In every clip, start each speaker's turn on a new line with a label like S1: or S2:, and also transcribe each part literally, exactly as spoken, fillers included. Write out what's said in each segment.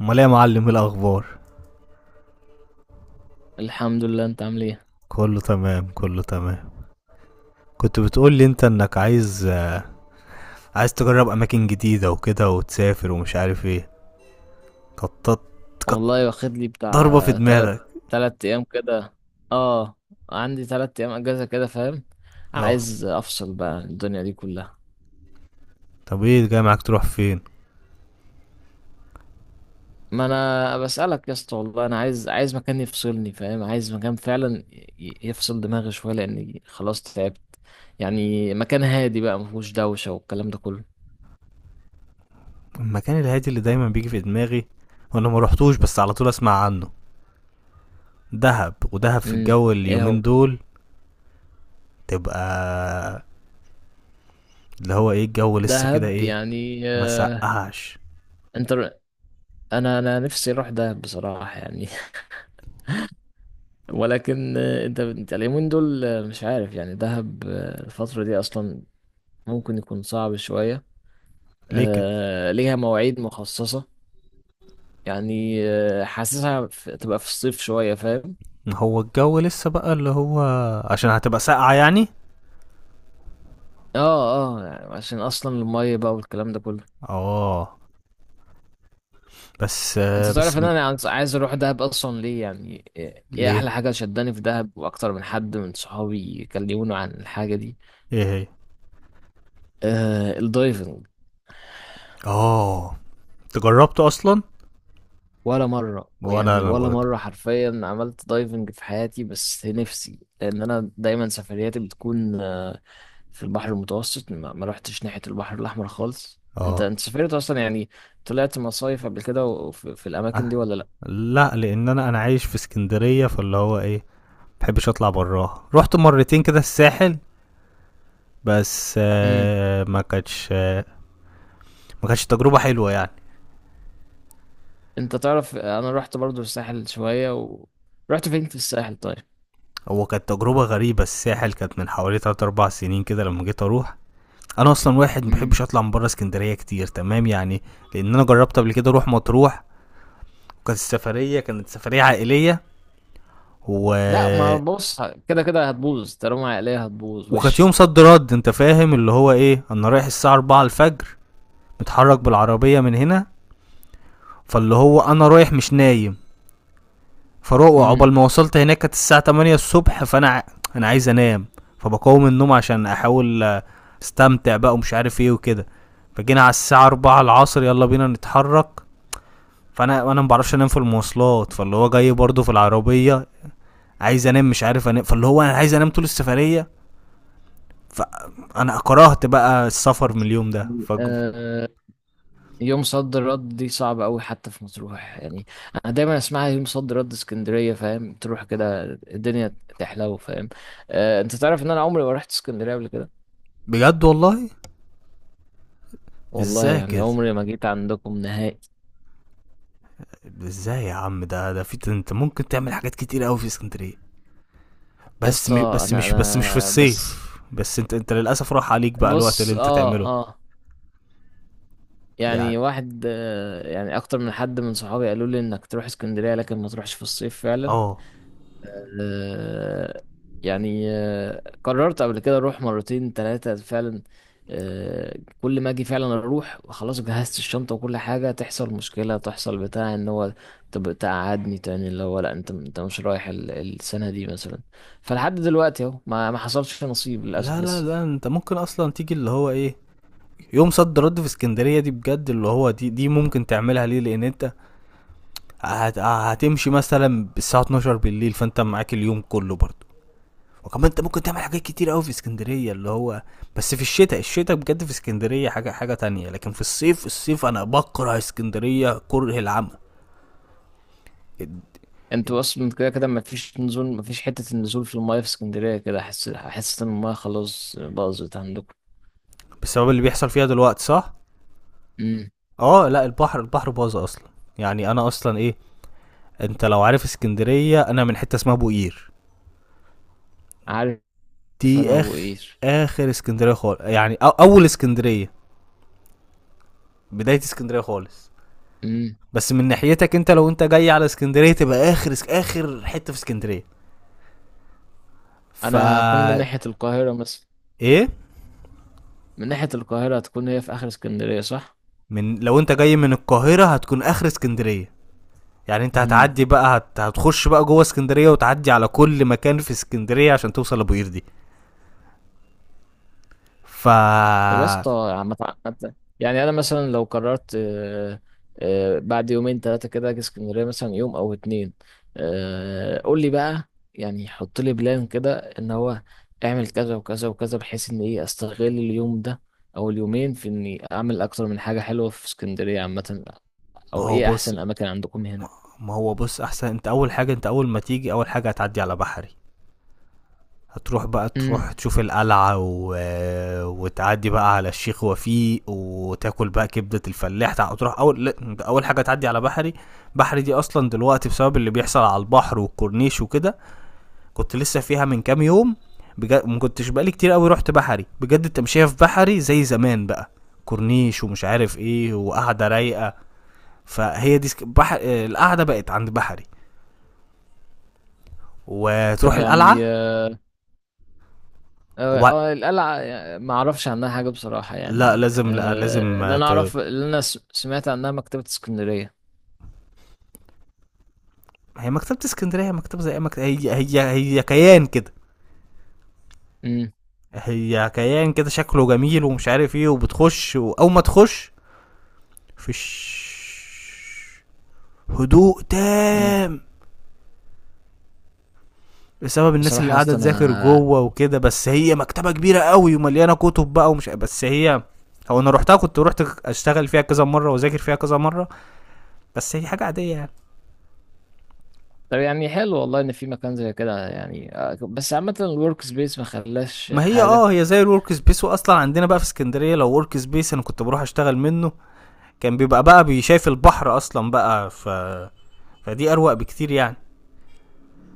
S1: امال ايه يا معلم؟ إيه الاخبار؟
S2: الحمد لله، انت عامل ايه؟
S1: كله تمام، كله تمام. كنت بتقول لي انت انك عايز آه، عايز تجرب اماكن جديده وكده وتسافر ومش عارف ايه. قطط قط
S2: والله واخد لي بتاع
S1: ضربه في
S2: تلات
S1: دماغك.
S2: تلات ايام كده. اه، عندي تلات ايام اجازة كده، فاهم.
S1: اه،
S2: عايز افصل بقى عن الدنيا دي كلها.
S1: طب ايه جاي معاك؟ تروح فين؟
S2: ما انا بسألك يا اسطى، والله انا عايز عايز مكان يفصلني، فاهم، عايز مكان فعلا ي- يفصل دماغي شوية لاني خلاص تعبت. يعني مكان هادي بقى، مفهوش دوشة والكلام ده كله.
S1: المكان الهادي اللي دايما بيجي في دماغي وانا ما رحتوش بس على طول اسمع عنه، دهب. ودهب في
S2: امم
S1: الجو
S2: ايه هو؟
S1: اليومين دول، تبقى اللي هو ايه الجو لسه كده
S2: دهب
S1: ايه؟
S2: يعني.
S1: ما
S2: آه،
S1: سقعش؟
S2: انت. انا انا نفسي اروح دهب بصراحة يعني ولكن آه، انت انت اليومين دول، آه، مش عارف، يعني دهب آه، الفترة دي اصلا ممكن يكون صعب شوية.
S1: ليه كده؟
S2: آه، ليها مواعيد مخصصة. يعني آه، حاسسها في- تبقى في الصيف شوية، فاهم.
S1: ما هو الجو لسه بقى اللي هو، عشان هتبقى ساقعة يعني؟
S2: اه. اه يعني عشان اصلا المية بقى والكلام ده كله.
S1: اه، بس
S2: انت
S1: آه
S2: تعرف
S1: بس
S2: ان
S1: م...
S2: انا عايز عايز اروح دهب، اصلا ليه؟ يعني ايه إيه احلى
S1: ليه؟
S2: حاجة شداني في دهب؟ واكتر من حد من صحابي كلموني عن الحاجة دي.
S1: ايه هي؟
S2: آه، الدايفنج.
S1: اه، انت جربته اصلا؟
S2: ولا مرة،
S1: وانا
S2: ويعني
S1: انا
S2: ولا
S1: برضه،
S2: مرة حرفيا عملت دايفنج في حياتي، بس نفسي لأن أنا دايما سفرياتي بتكون آه، في البحر المتوسط. ما ما روحتش ناحية البحر الأحمر خالص. أنت
S1: اه،
S2: أنت سافرت أصلا يعني؟ طلعت مصايف قبل كده، وفي في
S1: أه.
S2: الأماكن دي ولا لأ؟
S1: لا، لان انا انا عايش في اسكندريه، فاللي هو ايه، محبش اطلع براها. رحت مرتين كده الساحل، بس
S2: امم.
S1: آه ما كانتش آه ما كانتش تجربه حلوه يعني.
S2: أنت تعرف، أنا رحت برضو الساحل شوية و رحت فين في الساحل طيب؟
S1: هو كانت تجربه غريبه. الساحل كانت من حوالي تلات أربعة سنين كده لما جيت اروح. انا اصلا واحد ما
S2: امم.
S1: بحبش اطلع من بره اسكندريه كتير، تمام يعني. لان انا جربت قبل كده اروح مطروح، كانت السفريه كانت سفريه عائليه،
S2: لا، ما
S1: و
S2: بص، كده كده هتبوظ، طالما عقلية هتبوظ
S1: وكانت يوم
S2: وش.
S1: صد رد. انت فاهم اللي هو ايه، انا رايح الساعه أربعة الفجر، متحرك بالعربيه من هنا، فاللي هو انا رايح مش نايم، فروق،
S2: امم.
S1: عقبال ما وصلت هناك كانت الساعه تمانية الصبح، فانا ع- انا عايز انام، فبقاوم النوم عشان احاول آه، استمتع بقى ومش عارف ايه وكده. فجينا على الساعه الرابعة العصر، يلا بينا نتحرك، فانا انا ما بعرفش انام في المواصلات، فاللي هو جاي برضه في العربيه، عايز انام مش عارف انام، فاللي هو انا عايز انام طول السفريه، فانا كرهت بقى السفر من اليوم ده. ف
S2: يوم صد رد دي صعبة أوي حتى في مطروح يعني. أنا دايما أسمعها، يوم صد رد اسكندرية، فاهم، تروح كده الدنيا تحلو، فاهم. آه، أنت تعرف إن أنا عمري ما رحت اسكندرية قبل كده.
S1: بجد والله؟
S2: والله
S1: ازاي
S2: يعني
S1: كده؟
S2: عمري ما جيت عندكم نهائي.
S1: ازاي يا عم؟ ده ده في انت ممكن تعمل حاجات كتير قوي في اسكندريه،
S2: يا
S1: بس
S2: اسطى،
S1: مش بس
S2: أنا
S1: مش بس مش في
S2: أنا بس،
S1: الصيف بس. انت انت للاسف راح عليك بقى الوقت اللي
S2: بص،
S1: انت
S2: آه.
S1: تعمله
S2: آه.
S1: يعني.
S2: يعني واحد آه يعني أكتر من حد من صحابي قالوا لي إنك تروح اسكندرية، لكن ما تروحش في الصيف فعلا.
S1: اه،
S2: آه. يعني آه، قررت قبل كده اروح مرتين ثلاثة فعلا. آه، كل ما اجي فعلا اروح، خلاص جهزت الشنطة وكل حاجة، تحصل مشكلة، تحصل بتاع ان هو طب تقعدني تاني اللي هو لا، انت انت مش رايح ال- السنة دي مثلا. فلحد دلوقتي اهو ما ما حصلش نصيب للاسف
S1: لا لا
S2: لسه.
S1: لا، انت ممكن اصلا تيجي اللي هو ايه، يوم صد رد في اسكندريه دي بجد اللي هو دي دي ممكن تعملها، ليه؟ لان انت هت هتمشي مثلا الساعه اتناشر بالليل فانت معاك اليوم كله برضه، وكمان انت ممكن تعمل حاجات كتير قوي في اسكندريه، اللي هو، بس في الشتاء. الشتاء بجد في اسكندريه حاجه حاجه تانية. لكن في الصيف، الصيف، انا بكره اسكندريه كره العمى. ال- ال-
S2: انتوا اصلا كده كده ما فيش نزول، ما فيش حتة النزول في المايه في اسكندرية. كده احس احس ان المايه خلاص باظت عندكم.
S1: بسبب اللي بيحصل فيها دلوقتي صح؟
S2: امم.
S1: اه، لا، البحر، البحر باظ اصلا، يعني انا اصلا ايه، انت لو عارف اسكندريه، انا من حته اسمها بوقير،
S2: عارف.
S1: دي
S2: انا ابو
S1: اخ،
S2: قير.
S1: اخر اسكندريه خالص يعني، أو اول اسكندريه، بدايه اسكندريه خالص. بس من ناحيتك انت، لو انت جاي على اسكندريه تبقى اخر اخر حته في اسكندريه. ف
S2: انا هكون من ناحية القاهرة مثلا.
S1: ايه،
S2: من ناحية القاهرة هتكون هي في اخر اسكندرية، صح؟
S1: من، لو انت جاي من القاهره هتكون اخر اسكندريه، يعني انت
S2: امم.
S1: هتعدي بقى هت... هتخش بقى جوه اسكندريه وتعدي على كل مكان في اسكندريه عشان توصل لابو قردي. ف
S2: طب يا اسطى، عم تع- عم ت- يعني انا مثلا لو قررت، آه، آه، بعد يومين ثلاثة كده اجي اسكندرية مثلا يوم او اتنين. آه، قول لي بقى، يعني حط لي بلان كده ان هو اعمل كذا وكذا وكذا، بحيث ان ايه استغل اليوم ده او اليومين في اني اعمل اكتر من حاجة حلوة في اسكندرية عامة.
S1: ما
S2: او
S1: هو
S2: ايه احسن
S1: بص
S2: الاماكن عندكم هنا؟
S1: ما هو بص، احسن، انت اول حاجه، انت اول ما تيجي اول حاجه هتعدي على بحري، هتروح بقى،
S2: امم.
S1: تروح تشوف القلعة و... وتعدي بقى على الشيخ وفيق، وتاكل بقى كبدة الفلاح، تع- تروح أول لا، أول حاجة تعدي على بحري. بحري دي أصلا دلوقتي بسبب اللي بيحصل على البحر والكورنيش وكده، كنت لسه فيها من كام يوم، بجد ما كنتش بقالي كتير قوي رحت بحري، بجد التمشيه في بحري زي زمان بقى، كورنيش ومش عارف ايه وقعده رايقه، فهي دي سك... بحر... آه، القعده بقت عند بحري، وتروح
S2: طب
S1: القلعه،
S2: يعني، اه.
S1: وبعد
S2: آه، القلعة، ما اعرفش عنها حاجة بصراحة
S1: لا
S2: يعني.
S1: لازم لا
S2: آه،
S1: لازم
S2: اللي انا
S1: ت...
S2: اعرف، اللي انا س- سمعت عنها مكتبة اسكندرية.
S1: هي مكتبه اسكندريه، مكتبه زي أي مكتبه، هي هي هي كيان كده،
S2: امم.
S1: هي كيان كده شكله جميل ومش عارف ايه، وبتخش واول ما تخش فيش هدوء
S2: امم.
S1: تام، بسبب الناس
S2: بصراحة
S1: اللي
S2: يا
S1: قاعده
S2: اسطى
S1: تذاكر
S2: انا.
S1: جوه وكده، بس هي مكتبه كبيره قوي ومليانه كتب بقى، ومش بس هي، هو انا روحتها، كنت روحت اشتغل فيها كذا مره واذاكر فيها كذا مره، بس هي حاجه عاديه يعني.
S2: طب يعني حلو والله ان في مكان زي كده يعني. آه، بس عامة الورك سبيس ما خلاش
S1: ما هي
S2: حاجة.
S1: اه، هي زي الورك سبيس، واصلا عندنا بقى في اسكندريه لو ورك سبيس، انا كنت بروح اشتغل منه، كان بيبقى بقى بيشايف البحر اصلا بقى، ف فدي اروق بكتير يعني.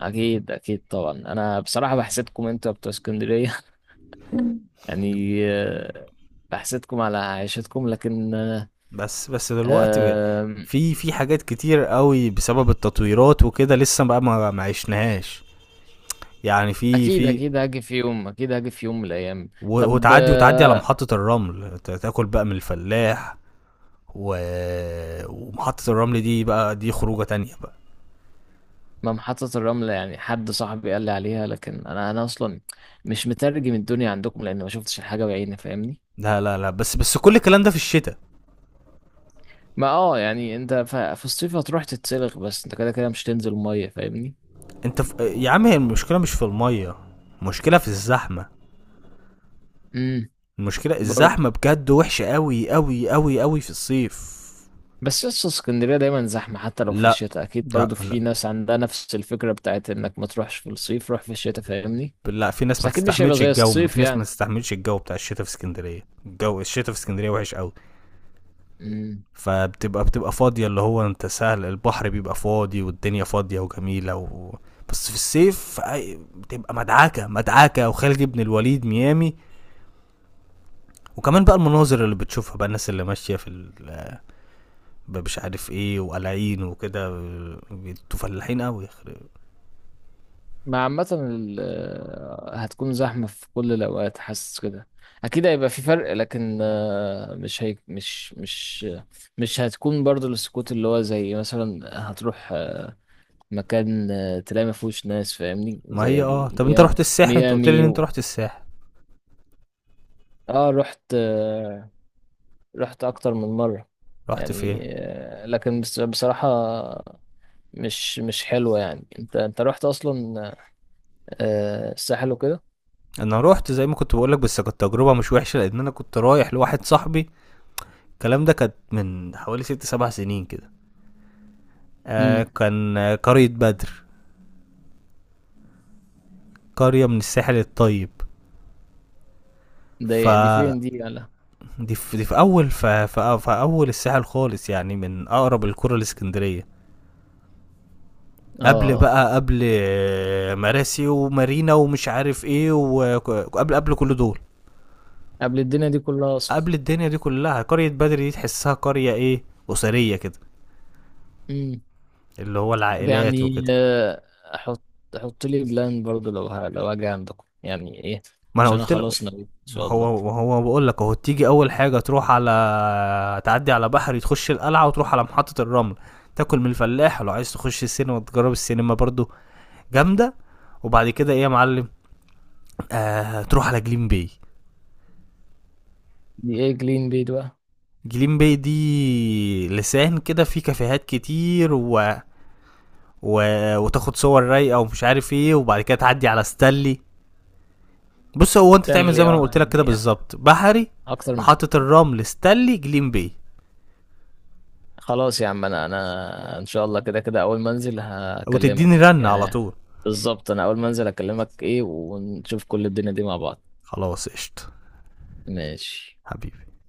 S2: اكيد اكيد طبعا، انا بصراحة بحسدكم انتوا بتوع اسكندرية يعني آه، بحسدكم على عيشتكم، لكن آه،
S1: بس بس دلوقتي
S2: آم،
S1: في في حاجات كتير قوي بسبب التطويرات وكده لسه بقى ما ما عشناهاش، يعني في
S2: اكيد
S1: في،
S2: اكيد هاجي في يوم، اكيد هاجي في يوم من الايام.
S1: و-
S2: طب
S1: وتعدي، وتعدي على
S2: آه،
S1: محطة الرمل، ت- تاكل بقى من الفلاح و... ومحطة الرمل دي بقى دي خروجة تانية بقى.
S2: ما محطة الرمل، يعني حد صاحبي قال لي عليها، لكن انا انا اصلا مش مترجم الدنيا عندكم، لان ما شفتش الحاجة بعيني فاهمني.
S1: لا لا لا، بس بس كل الكلام ده في الشتاء.
S2: ما اه يعني انت ف- في الصيف هتروح تتسلق، بس انت كده كده مش تنزل مية فاهمني.
S1: انت في... يا عم هي المشكلة مش في المية، المشكلة في الزحمة،
S2: امم.
S1: المشكلة
S2: برضه.
S1: الزحمة بجد وحشة قوي قوي قوي قوي في الصيف.
S2: بس لسه اسكندرية دايما زحمة، حتى لو في
S1: لا
S2: الشتاء اكيد
S1: لا
S2: برضه
S1: لا
S2: في ناس عندها نفس الفكرة بتاعت انك ما تروحش في الصيف، روح في الشتاء فاهمني.
S1: لا، في ناس
S2: بس
S1: ما
S2: اكيد مش هيبقى
S1: تستحملش
S2: زي
S1: الجو، في
S2: الصيف
S1: ناس ما تستحملش الجو بتاع الشتاء في اسكندرية، الجو الشتاء في اسكندرية وحش قوي.
S2: يعني.
S1: فبتبقى بتبقى فاضية، اللي هو انت سهل البحر بيبقى فاضي والدنيا فاضية وجميلة و... بس في الصيف، أي- بتبقى مدعكة مدعكة، وخالد بن الوليد ميامي، وكمان بقى المناظر اللي بتشوفها بقى، الناس اللي ماشية في ال- مش عارف ايه، وقلعين وكده، انتوا فلاحين قوي، يخرب.
S2: مع عامة ال- آه، هتكون زحمة في كل الأوقات، حاسس كده. أكيد هيبقى في فرق، لكن آه، مش هي مش مش مش هتكون برضو السكوت اللي هو زي مثلا هتروح آه، مكان آه، تلاقي ما فيهوش ناس، فاهمني،
S1: ما
S2: زي
S1: هي
S2: ال-
S1: اه، طب انت
S2: ميا-
S1: رحت الساحل، انت قلت لي ان
S2: ميامي
S1: انت
S2: و.
S1: رحت الساحل،
S2: اه رحت آه، رحت أكتر من مرة.
S1: رحت فين؟
S2: يعني آه، لكن بس- بصراحة مش مش حلوة يعني. انت انت رحت أصلا آه، الساحل وكده؟
S1: انا رحت زي ما كنت بقولك، بس كانت تجربة مش وحشة لان انا كنت رايح لواحد صاحبي، الكلام ده كانت من حوالي ست سبع سنين كده، آه
S2: امم.
S1: كان آه، قرية بدر، قرية من الساحل الطيب. ف
S2: ده دي فين دي يعني؟
S1: دي في, دي في اول ف... ف... في اول الساحل خالص يعني، من اقرب القرى الاسكندريه، قبل
S2: اه.
S1: بقى، قبل آه، مراسي ومارينا ومش عارف ايه، وقبل قبل كل دول،
S2: قبل الدنيا دي كلها اصلا.
S1: قبل الدنيا دي كلها، قريه بدر دي تحسها قريه ايه، اسريه كده،
S2: امم.
S1: اللي هو
S2: طب
S1: العائلات
S2: يعني،
S1: وكده.
S2: آه، احط احط لي بلان برضو لو ه... لو اجي عندكم يعني ايه،
S1: ما انا
S2: عشان انا
S1: قلت له،
S2: خلاص نويت ان
S1: ما
S2: شاء الله.
S1: هو ما هو بقول لك اهو، تيجي اول حاجه تروح على، تعدي على بحري، تخش القلعه، وتروح على محطه الرمل، تاكل من الفلاح، ولو عايز تخش السينما، تجرب السينما برضو، جامده. وبعد كده ايه يا معلم؟ آه تروح على جليم باي،
S2: دي ايه جلين بيد بقى؟
S1: جليم باي دي لسان كده فيه كافيهات كتير و... و... وتاخد صور رايقه ومش عارف ايه، وبعد كده تعدي على ستانلي. بص هو انت تعمل
S2: بلان
S1: زي
S2: لي،
S1: ما انا
S2: اه.
S1: قلت لك كده
S2: يعني
S1: بالظبط، بحري،
S2: اكتر من.
S1: محطه الرمل، ستانلي، جليم باي.
S2: خلاص يا عم، انا انا ان شاء الله كده كده اول ما انزل
S1: وتديني
S2: هكلمك
S1: رنة على
S2: يعني.
S1: طول.
S2: بالظبط، انا اول ما انزل هكلمك ايه، ونشوف كل الدنيا دي مع بعض.
S1: خلاص قشطة،
S2: ماشي.
S1: حبيبي.